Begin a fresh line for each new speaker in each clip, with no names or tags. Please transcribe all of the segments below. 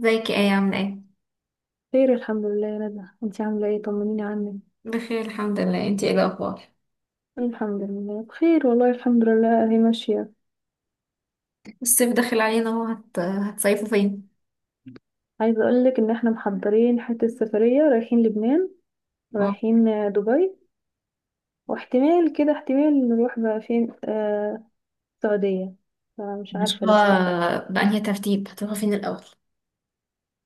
ازيك يا ايه، عاملة ايه؟
خير، الحمد لله يا ندى. انتي عاملة ايه؟ طمنيني عنك.
بخير الحمد لله. انتي ايه الأخبار؟
الحمد لله بخير، والله الحمد لله هي ماشية.
الصيف داخل علينا اهو، هتصيفوا فين؟
عايزة اقولك ان احنا محضرين حتة سفرية، رايحين لبنان.
اه.
رايحين دبي. واحتمال كده احتمال نروح بقى فين السعودية. فمش
مش
عارفة
هو.
لسه.
بأنهي ترتيب هتروحوا فين الأول؟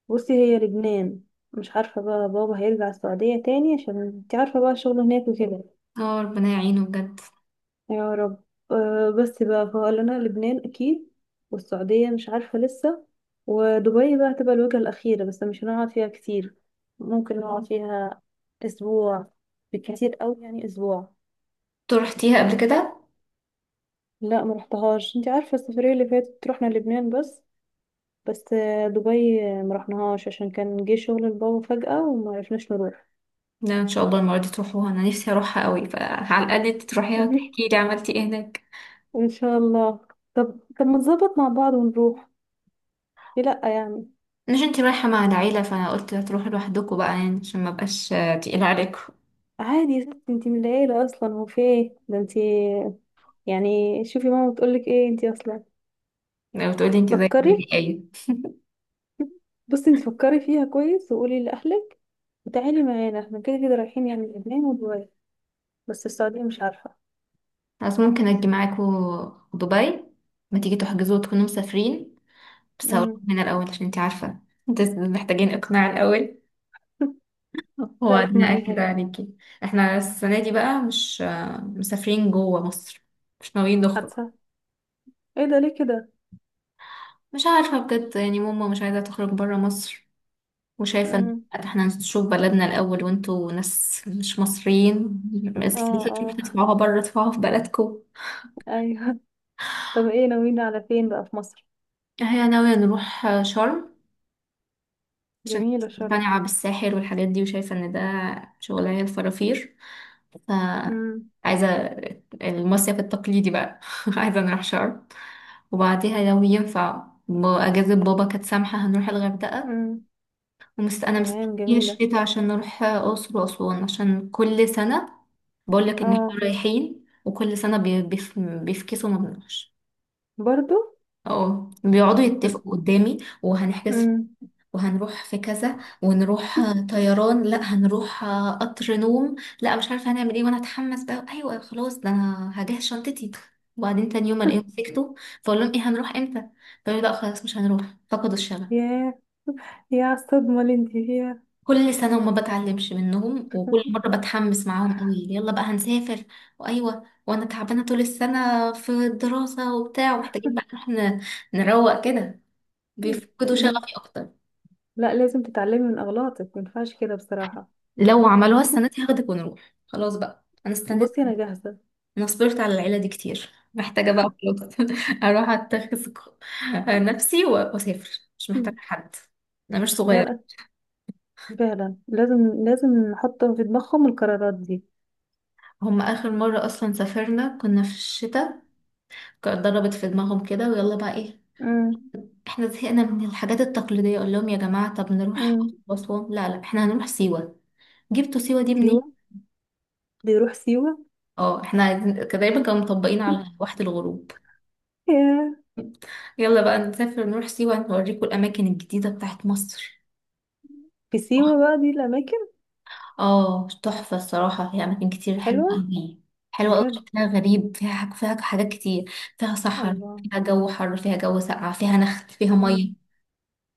بصي، هي لبنان. مش عارفة بقى، بابا هيرجع السعودية تاني، عشان انتي عارفة بقى الشغل هناك وكده.
اه، ربنا يعينه بجد.
يا رب. أه، بس بقى فقال لنا لبنان اكيد. والسعودية مش عارفة لسه. ودبي بقى هتبقى الوجهة الأخيرة، بس مش هنقعد فيها كتير. ممكن نقعد فيها أسبوع. بالكتير أوي يعني أسبوع.
انتوا رحتيها قبل كده؟
لا، ما رحتهاش. انت عارفة السفرية اللي فاتت رحنا لبنان بس. بس دبي، ما رحناهاش عشان كان جه شغل البابا فجأة وما عرفناش نروح.
لا، ان شاء الله المرة دي تروحوها، انا نفسي اروحها قوي، فعلى الأقل انتي تروحيها وتحكي لي عملتي ايه هناك.
ان شاء الله. طب طب، ما نظبط مع بعض ونروح. ليه لا يعني؟
مش انتي رايحة مع العيلة، فانا قلت هتروحوا لوحدكم بقى يعني عشان ما بقاش تقيل عليكم.
عادي يا ستي، انتي من العيلة اصلا. هو في ايه ده؟ انتي يعني، شوفي ماما بتقولك ايه؟ انتي اصلا
لو تقولي انتي زي
فكري.
بيقولي ايه.
بصي، انتي فكري فيها كويس وقولي لأهلك. وتعالي معانا، احنا كده كده رايحين يعني لبنان ودبي. بس السعودية مش عارفة.
بس ممكن اجي معاكوا دبي؟ ما تيجي تحجزوا وتكونوا مسافرين. بس هقول
امم.
من الأول عشان انتي عارفة، انت محتاجين إقناع الأول،
لا،
وبعدين أكد
اقنعيهم.
عليكي. احنا السنة دي بقى مش مسافرين جوه مصر، مش ناويين نخرج.
حادثة! ايه ده؟ ليه كده؟
مش عارفة بجد، يعني ماما مش عايزة تخرج برا مصر، وشايفة ان
امم.
احنا نشوف بلدنا الأول، وانتوا ناس مش مصريين بس،
اه،
تروحوا
اه،
تدفعوها برا، تدفعوها في بلدكم.
ايوه. طب ايه ناويين على فين بقى في مصر؟
هي ناوية نروح شرم، عشان
جميلة شرم.
مقتنعة بالساحر والحاجات دي، وشايفة ان ده شغلانة الفرافير. ف
امم.
عايزة المصيف التقليدي بقى. عايزة نروح شرم، وبعديها لو ينفع أجازة بابا كانت سامحة هنروح الغردقة.
امم.
أنا
تمام،
مستنية
جميلة.
الشتا عشان نروح أقصر وأسوان، عشان كل سنة بقولك إن احنا
اه،
رايحين، وكل سنة بيفكسوا ما بنروحش.
برضو.
اه، بيقعدوا يتفقوا قدامي، وهنحجز،
امم.
وهنروح في كذا، ونروح طيران، لا هنروح قطر نوم، لا مش عارفه هنعمل ايه، وانا اتحمس بقى، ايوه خلاص ده انا هجهز شنطتي، وبعدين تاني يوم الاقيهم سكتوا. فاقول لهم ايه، هنروح امتى؟ فيقولوا لا خلاص مش هنروح، فقدوا الشغف.
ياه. يا الصدمة اللي انت فيها!
كل سنه وما بتعلمش منهم، وكل مره بتحمس معاهم قوي، يلا بقى هنسافر، وايوه وانا تعبانه طول السنه في الدراسه وبتاع، ومحتاجين بقى نروح نروق كده، بيفقدوا
لاز-
شغفي اكتر.
لا، لازم تتعلمي من أغلاطك، ما ينفعش كده بصراحة.
لو عملوها السنة دي هاخدك ونروح خلاص بقى، انا استنيت،
بصي، أنا جاهزة.
انا صبرت على العيلة دي كتير. محتاجة بقى خلاص. اروح اتخذ نفسي واسافر، مش محتاجة حد، انا مش
لا
صغيرة.
لا، فعلا لازم لازم نحط في دماغهم القرارات دي.
هم اخر مرة اصلا سافرنا كنا في الشتاء، كانت ضربت في دماغهم كده، ويلا بقى ايه،
مم.
احنا زهقنا من الحاجات التقليدية، اقول لهم يا جماعة طب نروح
مم.
اسوان، لا لا احنا هنروح سيوة. جبتوا سيوة دي منين؟
سيوة. بيروح سيوة.
اه، احنا كان دايما كانوا مطبقين على واحة الغروب.
ياه.
يلا بقى نسافر نروح سيوة، نوريكم الأماكن الجديدة بتاعت مصر.
في سيوة بقى دي الأماكن؟
اه، تحفة الصراحة، هي أماكن كتير حلوة
حلوة.
أوي. حلوة أوي،
بجد؟
شكلها غريب، فيها فيها حاجات كتير. فيها صحراء،
الله.
فيها جو حر، فيها جو ساقع، فيها نخل، فيها
مم.
مية،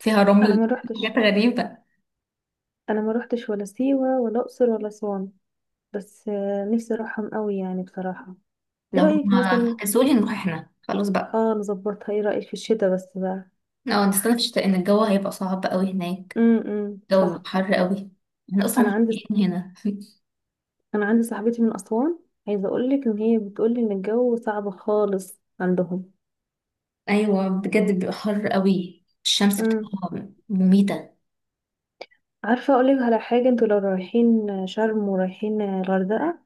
فيها
أنا
رمل،
ما
حاجات
روحتش.
غريبة.
أنا ما روحتش ولا سيوة ولا أقصر ولا أسوان. بس نفسي أروحهم قوي يعني بصراحة. إيه
لو
رأيك
هما
مثلا؟
فكسولي نروح احنا خلاص بقى.
اه، نظبطها. إيه رأيك في الشتاء بس بقى؟
اه، نستنى في الشتاء إن الجو هيبقى صعب أوي هناك،
امم،
الجو
صح.
بيبقى حر أوي، احنا أصلا
انا
مش
عندي
طايقين هنا.
انا عندي صاحبتي من اسوان. عايزه اقول لك ان هي بتقول لي ان الجو صعب خالص عندهم.
أيوة بجد بيبقى حر أوي، الشمس
امم.
بتبقى مميتة.
عارفه اقول لك على حاجه، انتوا لو رايحين شرم ورايحين الغردقه،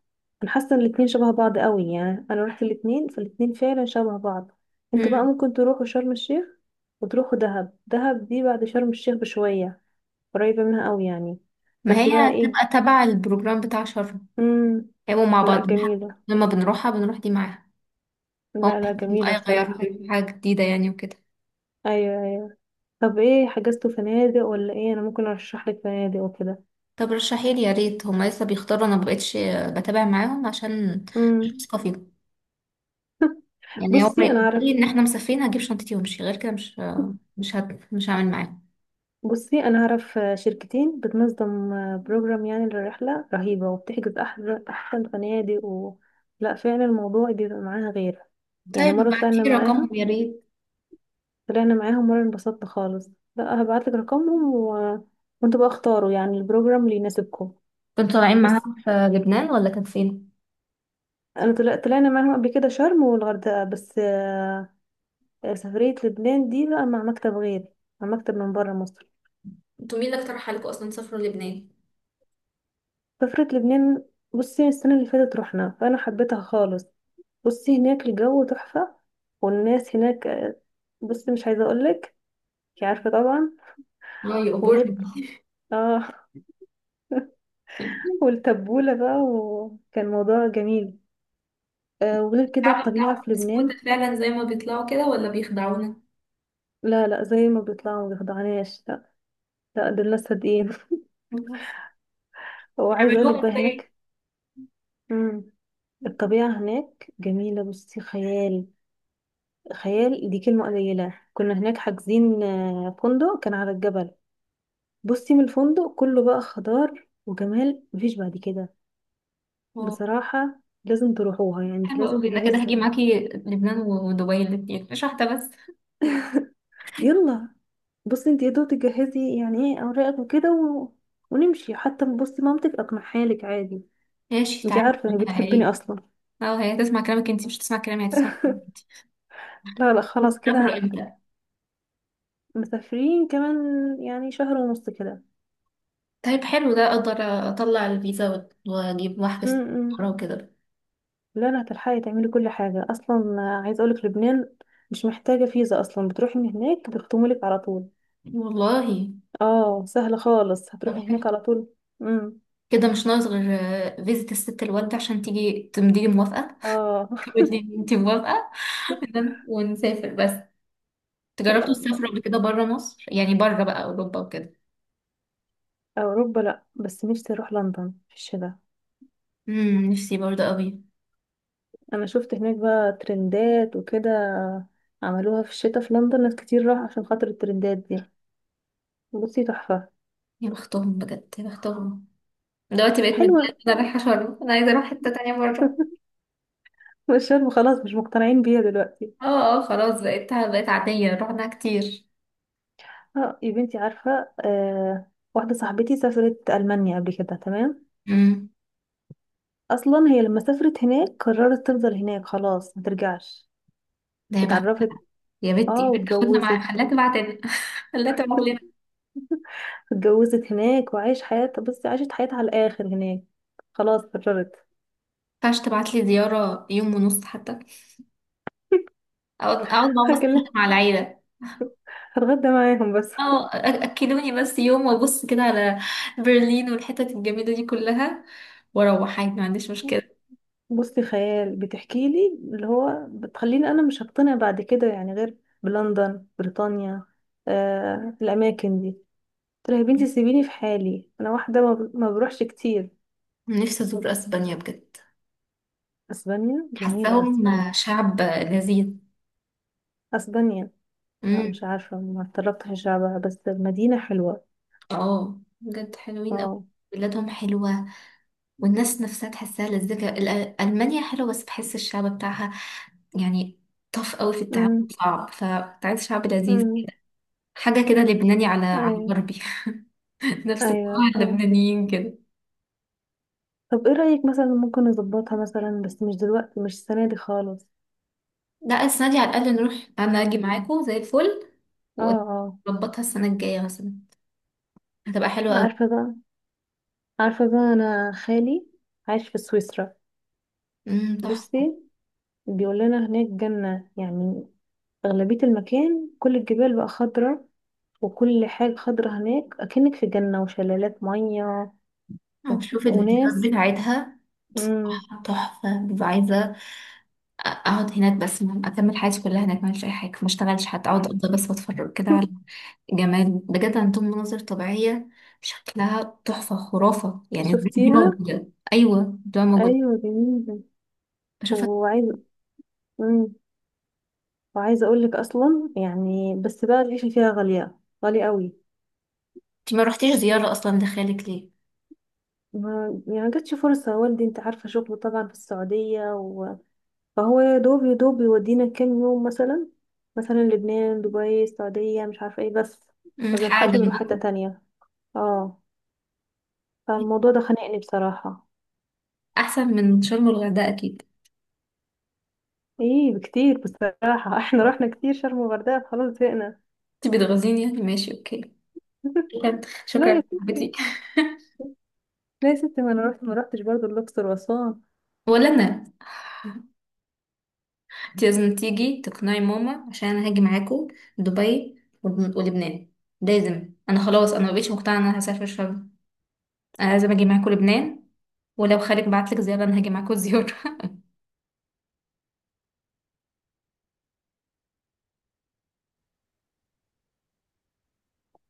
انا حاسه ان الاتنين شبه بعض قوي يعني. انا رحت الاتنين فالاتنين فعلا شبه بعض. انتوا بقى ممكن تروحوا شرم الشيخ، وتروحوا دهب. دهب دي بعد شرم الشيخ بشويه، قريبه منها قوي يعني.
ما
بس بقى
هي
ايه.
هتبقى تبع البروجرام بتاع شر،
امم.
هيبقوا مع
لا،
بعض، حتى
جميله.
لما بنروحها بنروح دي معاها. فهم
لا لا،
محتاجين بقى
جميله
يغيروا،
بصراحه.
يعملوا حاجة جديدة يعني وكده.
ايوه. طب، ايه حجزتوا فنادق ولا ايه؟ انا ممكن ارشح لك فنادق وكده.
طب رشحيلي يا ريت، هما لسه بيختاروا، انا مبقتش بتابع معاهم عشان مش
امم.
واثقة فيهم، يعني هما
بصي انا
يقولوا لي
اعرف
ان احنا مسافرين هجيب شنطتي وامشي، غير كده مش هعمل معاهم.
بصي انا اعرف شركتين بتنظم بروجرام يعني للرحله رهيبه، وبتحجز احلى احسن فنادق و... لا، فعلا الموضوع بيبقى معاها غير. يعني
طيب
مره طلعنا
ابعتيلي
معاها.
رقمهم يا ريت.
طلعنا معاهم مره انبسطنا خالص. لا، هبعت لك رقمهم و... وانتوا بقى اختاروا يعني البروجرام اللي يناسبكم.
كنتوا طالعين
بس
معاهم في لبنان ولا كان فين؟
انا طلعنا معاهم قبل كده شرم والغردقه بس. سفرية لبنان دي بقى مع مكتب غيري، مع مكتب من بره مصر.
انتوا مين اللي اقترح عليكم اصلا تسافروا لبنان؟
سفرية لبنان، بصي السنة اللي فاتت رحنا فأنا حبيتها خالص. بصي، هناك الجو تحفة. والناس هناك بصي مش عايزة أقولك. انتي عارفة طبعا.
اه يا أبور.
وغير، اه. والتبولة بقى، وكان موضوع جميل. وغير كده
الشعب
الطبيعة
بتاعهم
في
بسكوتة
لبنان.
فعلا زي ما بيطلعوا كده، ولا بيخدعونا؟
لا لا، زي ما بيطلعوا ما بيخدعناش، لا. لا، دول ناس صادقين. وعايزة أقولك
بيعملوها
بقى
ازاي؟
هناك. مم. الطبيعة هناك جميلة، بصي خيال. خيال دي كلمة قليلة. كنا هناك حاجزين فندق كان على الجبل. بصي، من الفندق كله بقى خضار وجمال مفيش بعد كده.
واو،
بصراحة لازم تروحوها، يعني انت
حلوة
لازم
قوي، انا
تجهزي
كده هاجي
سفر.
معاكي لبنان ودبي الاتنين، مش واحدة بس.
يلا. بصي انت يا دوب تجهزي يعني ايه اوراقك وكده و... ونمشي، حتى بصي مامتك اقنعها لك عادي.
ماشي
انت
تعالي،
عارفة انك
عنها ايه.
بتحبني اصلا.
اه، هي هتسمع كلامك انتي، مش هتسمع كلامي، هتسمع كلامك انتي.
لا لا، خلاص كده
بتسافروا امتى؟
هناخدك. مسافرين كمان يعني شهر ونص كده.
طيب حلو، ده اقدر اطلع الفيزا واجيب
م-
واحجز
م.
طيارة وكده.
لا لا، هتلحقي تعملي كل حاجة أصلا. عايزة أقولك لبنان مش محتاجة فيزا أصلا، بتروحي من هناك بيختموا لك على طول.
والله.
اه، سهلة خالص،
طب
هتروحي
حلو.
هناك على طول. امم.
كده مش ناقص غير فيزة الست الوالدة عشان تيجي تمضي موافقة،
اه.
تقول لي انتي موافقة، ونسافر بس. تجربتوا السفر قبل كده بره مصر، يعني بره بقى اوروبا وكده؟
أوروبا لأ، بس نفسي أروح لندن في الشتاء.
نفسي برضه قوي.
أنا شفت هناك بقى ترندات وكده، عملوها في الشتاء في لندن. ناس كتير راح عشان خاطر الترندات دي. بصي تحفة.
يا بختهم بجد، يا بختهم. دلوقتي بقيت
حلوة.
متضايقه إن انا رايحه شرم، انا عايزه اروح حته تانية بره.
مش شرم، خلاص مش مقتنعين بيها دلوقتي.
اه اه، خلاص بقيت بقيت عاديه، رحنا كتير.
اه يا بنتي، عارفة، واحدة صاحبتي سافرت ألمانيا قبل كده، تمام.
امم
أصلا هي لما سافرت هناك قررت تفضل هناك، خلاص ما ترجعش.
ده يا بخت.
اتعرفت،
يا بنت يا
اه،
بنت، خدنا معايا،
واتجوزت.
خليها تبعت لنا. خليها تبعت لنا.
اتجوزت هناك وعايش حياتها. بصي عاشت حياتها على الآخر هناك. خلاص قررت.
ما ينفعش تبعت لي زياره يوم ونص حتى؟ اقعد اقعد مع بس كده
هكلم،
مع العيله.
هتغدى معاهم بس.
اه، اكلوني بس يوم، وابص كده على برلين والحتت الجميله دي كلها، واروح عادي، ما عنديش مشكله.
بصي خيال بتحكي لي، اللي هو بتخليني أنا مش هقتنع بعد كده يعني، غير بلندن، بريطانيا، الأماكن دي. قلت لها يا بنتي سيبيني في حالي، انا واحده ما بروحش كتير.
نفسي أزور أسبانيا بجد،
اسبانيا جميله،
حاساهم
اسبانيا.
شعب لذيذ.
اسبانيا. لا
امم.
مش عارفه، ما اتطرقتش لشعبها، بس المدينه حلوه.
اه، بجد حلوين أوي،
اه.
بلادهم حلوة، والناس نفسها تحسها لذيذة. ألمانيا حلوة، بس بحس الشعب بتاعها يعني طف قوي في التعامل،
امم.
صعب، فكنت عايز شعب لذيذ
امم.
كده، حاجة كده لبناني على
ايوه.
غربي. نفس الطباع
ايوه. مم.
اللبنانيين كده.
طب ايه رايك، مثلا ممكن نظبطها، مثلا بس مش دلوقتي، مش السنه دي خالص.
لا، السنة دي على الأقل نروح، أنا أجي معاكم زي الفل،
اه، اه.
وأظبطها السنة الجاية مثلا، هتبقى حلوة أوي.
عارفه بقى عارفه بقى انا خالي عايش في سويسرا.
تحفة.
بصي، بيقول لنا هناك جنه يعني. اغلبيه المكان كل الجبال بقى خضره، وكل حاجة خضرة هناك أكنك في جنة، وشلالات مية و...
وشوف الفيديوهات
وناس.
بتاعتها،
مم.
تحفة. ببقى عايزة أقعد هناك بس، أكمل حياتي كلها هناك، ما أعملش أي حاجة، ما أشتغلش حتى، أقعد أفضل بس وأتفرج كده على جمال، بجد عندهم مناظر طبيعية شكلها تحفة، خرافة يعني، ازاي دي
شفتيها؟
موجودة، أيوة دي موجودة.
أيوة، جميلة.
بشوفك.
وعايزة. مم. وعايزة أقول لك أصلا يعني، بس بقى العيشة فيها غالية، غالية قوي.
أنت ما رحتيش زيارة أصلا لخالك ليه؟
ما يعني جاتش فرصة، والدي أنت عارفة شغله طبعا في السعودية و... فهو يا دوب يا دوب يودينا كام يوم مثلا. مثلا لبنان، دبي، السعودية، مش عارفة ايه، بس ما
حاجة
بنلحقش نروح حتة
جنبكم،
تانية. اه، فالموضوع ده خانقني بصراحة.
أحسن من شرم والغردقة أكيد.
ايه، بكتير بصراحة. احنا رحنا كتير شرم وغردقة، خلاص زهقنا.
أنت بتغزيني يعني، ماشي أوكي. شكرا شكرا
لا يا
يا صاحبتي.
ستي. لا يا ستي، ما انا رحت، ما رحتش برضو الاقصر واسوان.
ولا أنا. انت لازم تيجي تقنعي ماما عشان انا هاجي معاكم دبي ولبنان، لازم. انا خلاص، انا مبقتش مقتنعه ان انا هسافر شرم، انا لازم اجي معاكم لبنان. ولو خالك بعتلك زياره انا هاجي معاكم. زياره.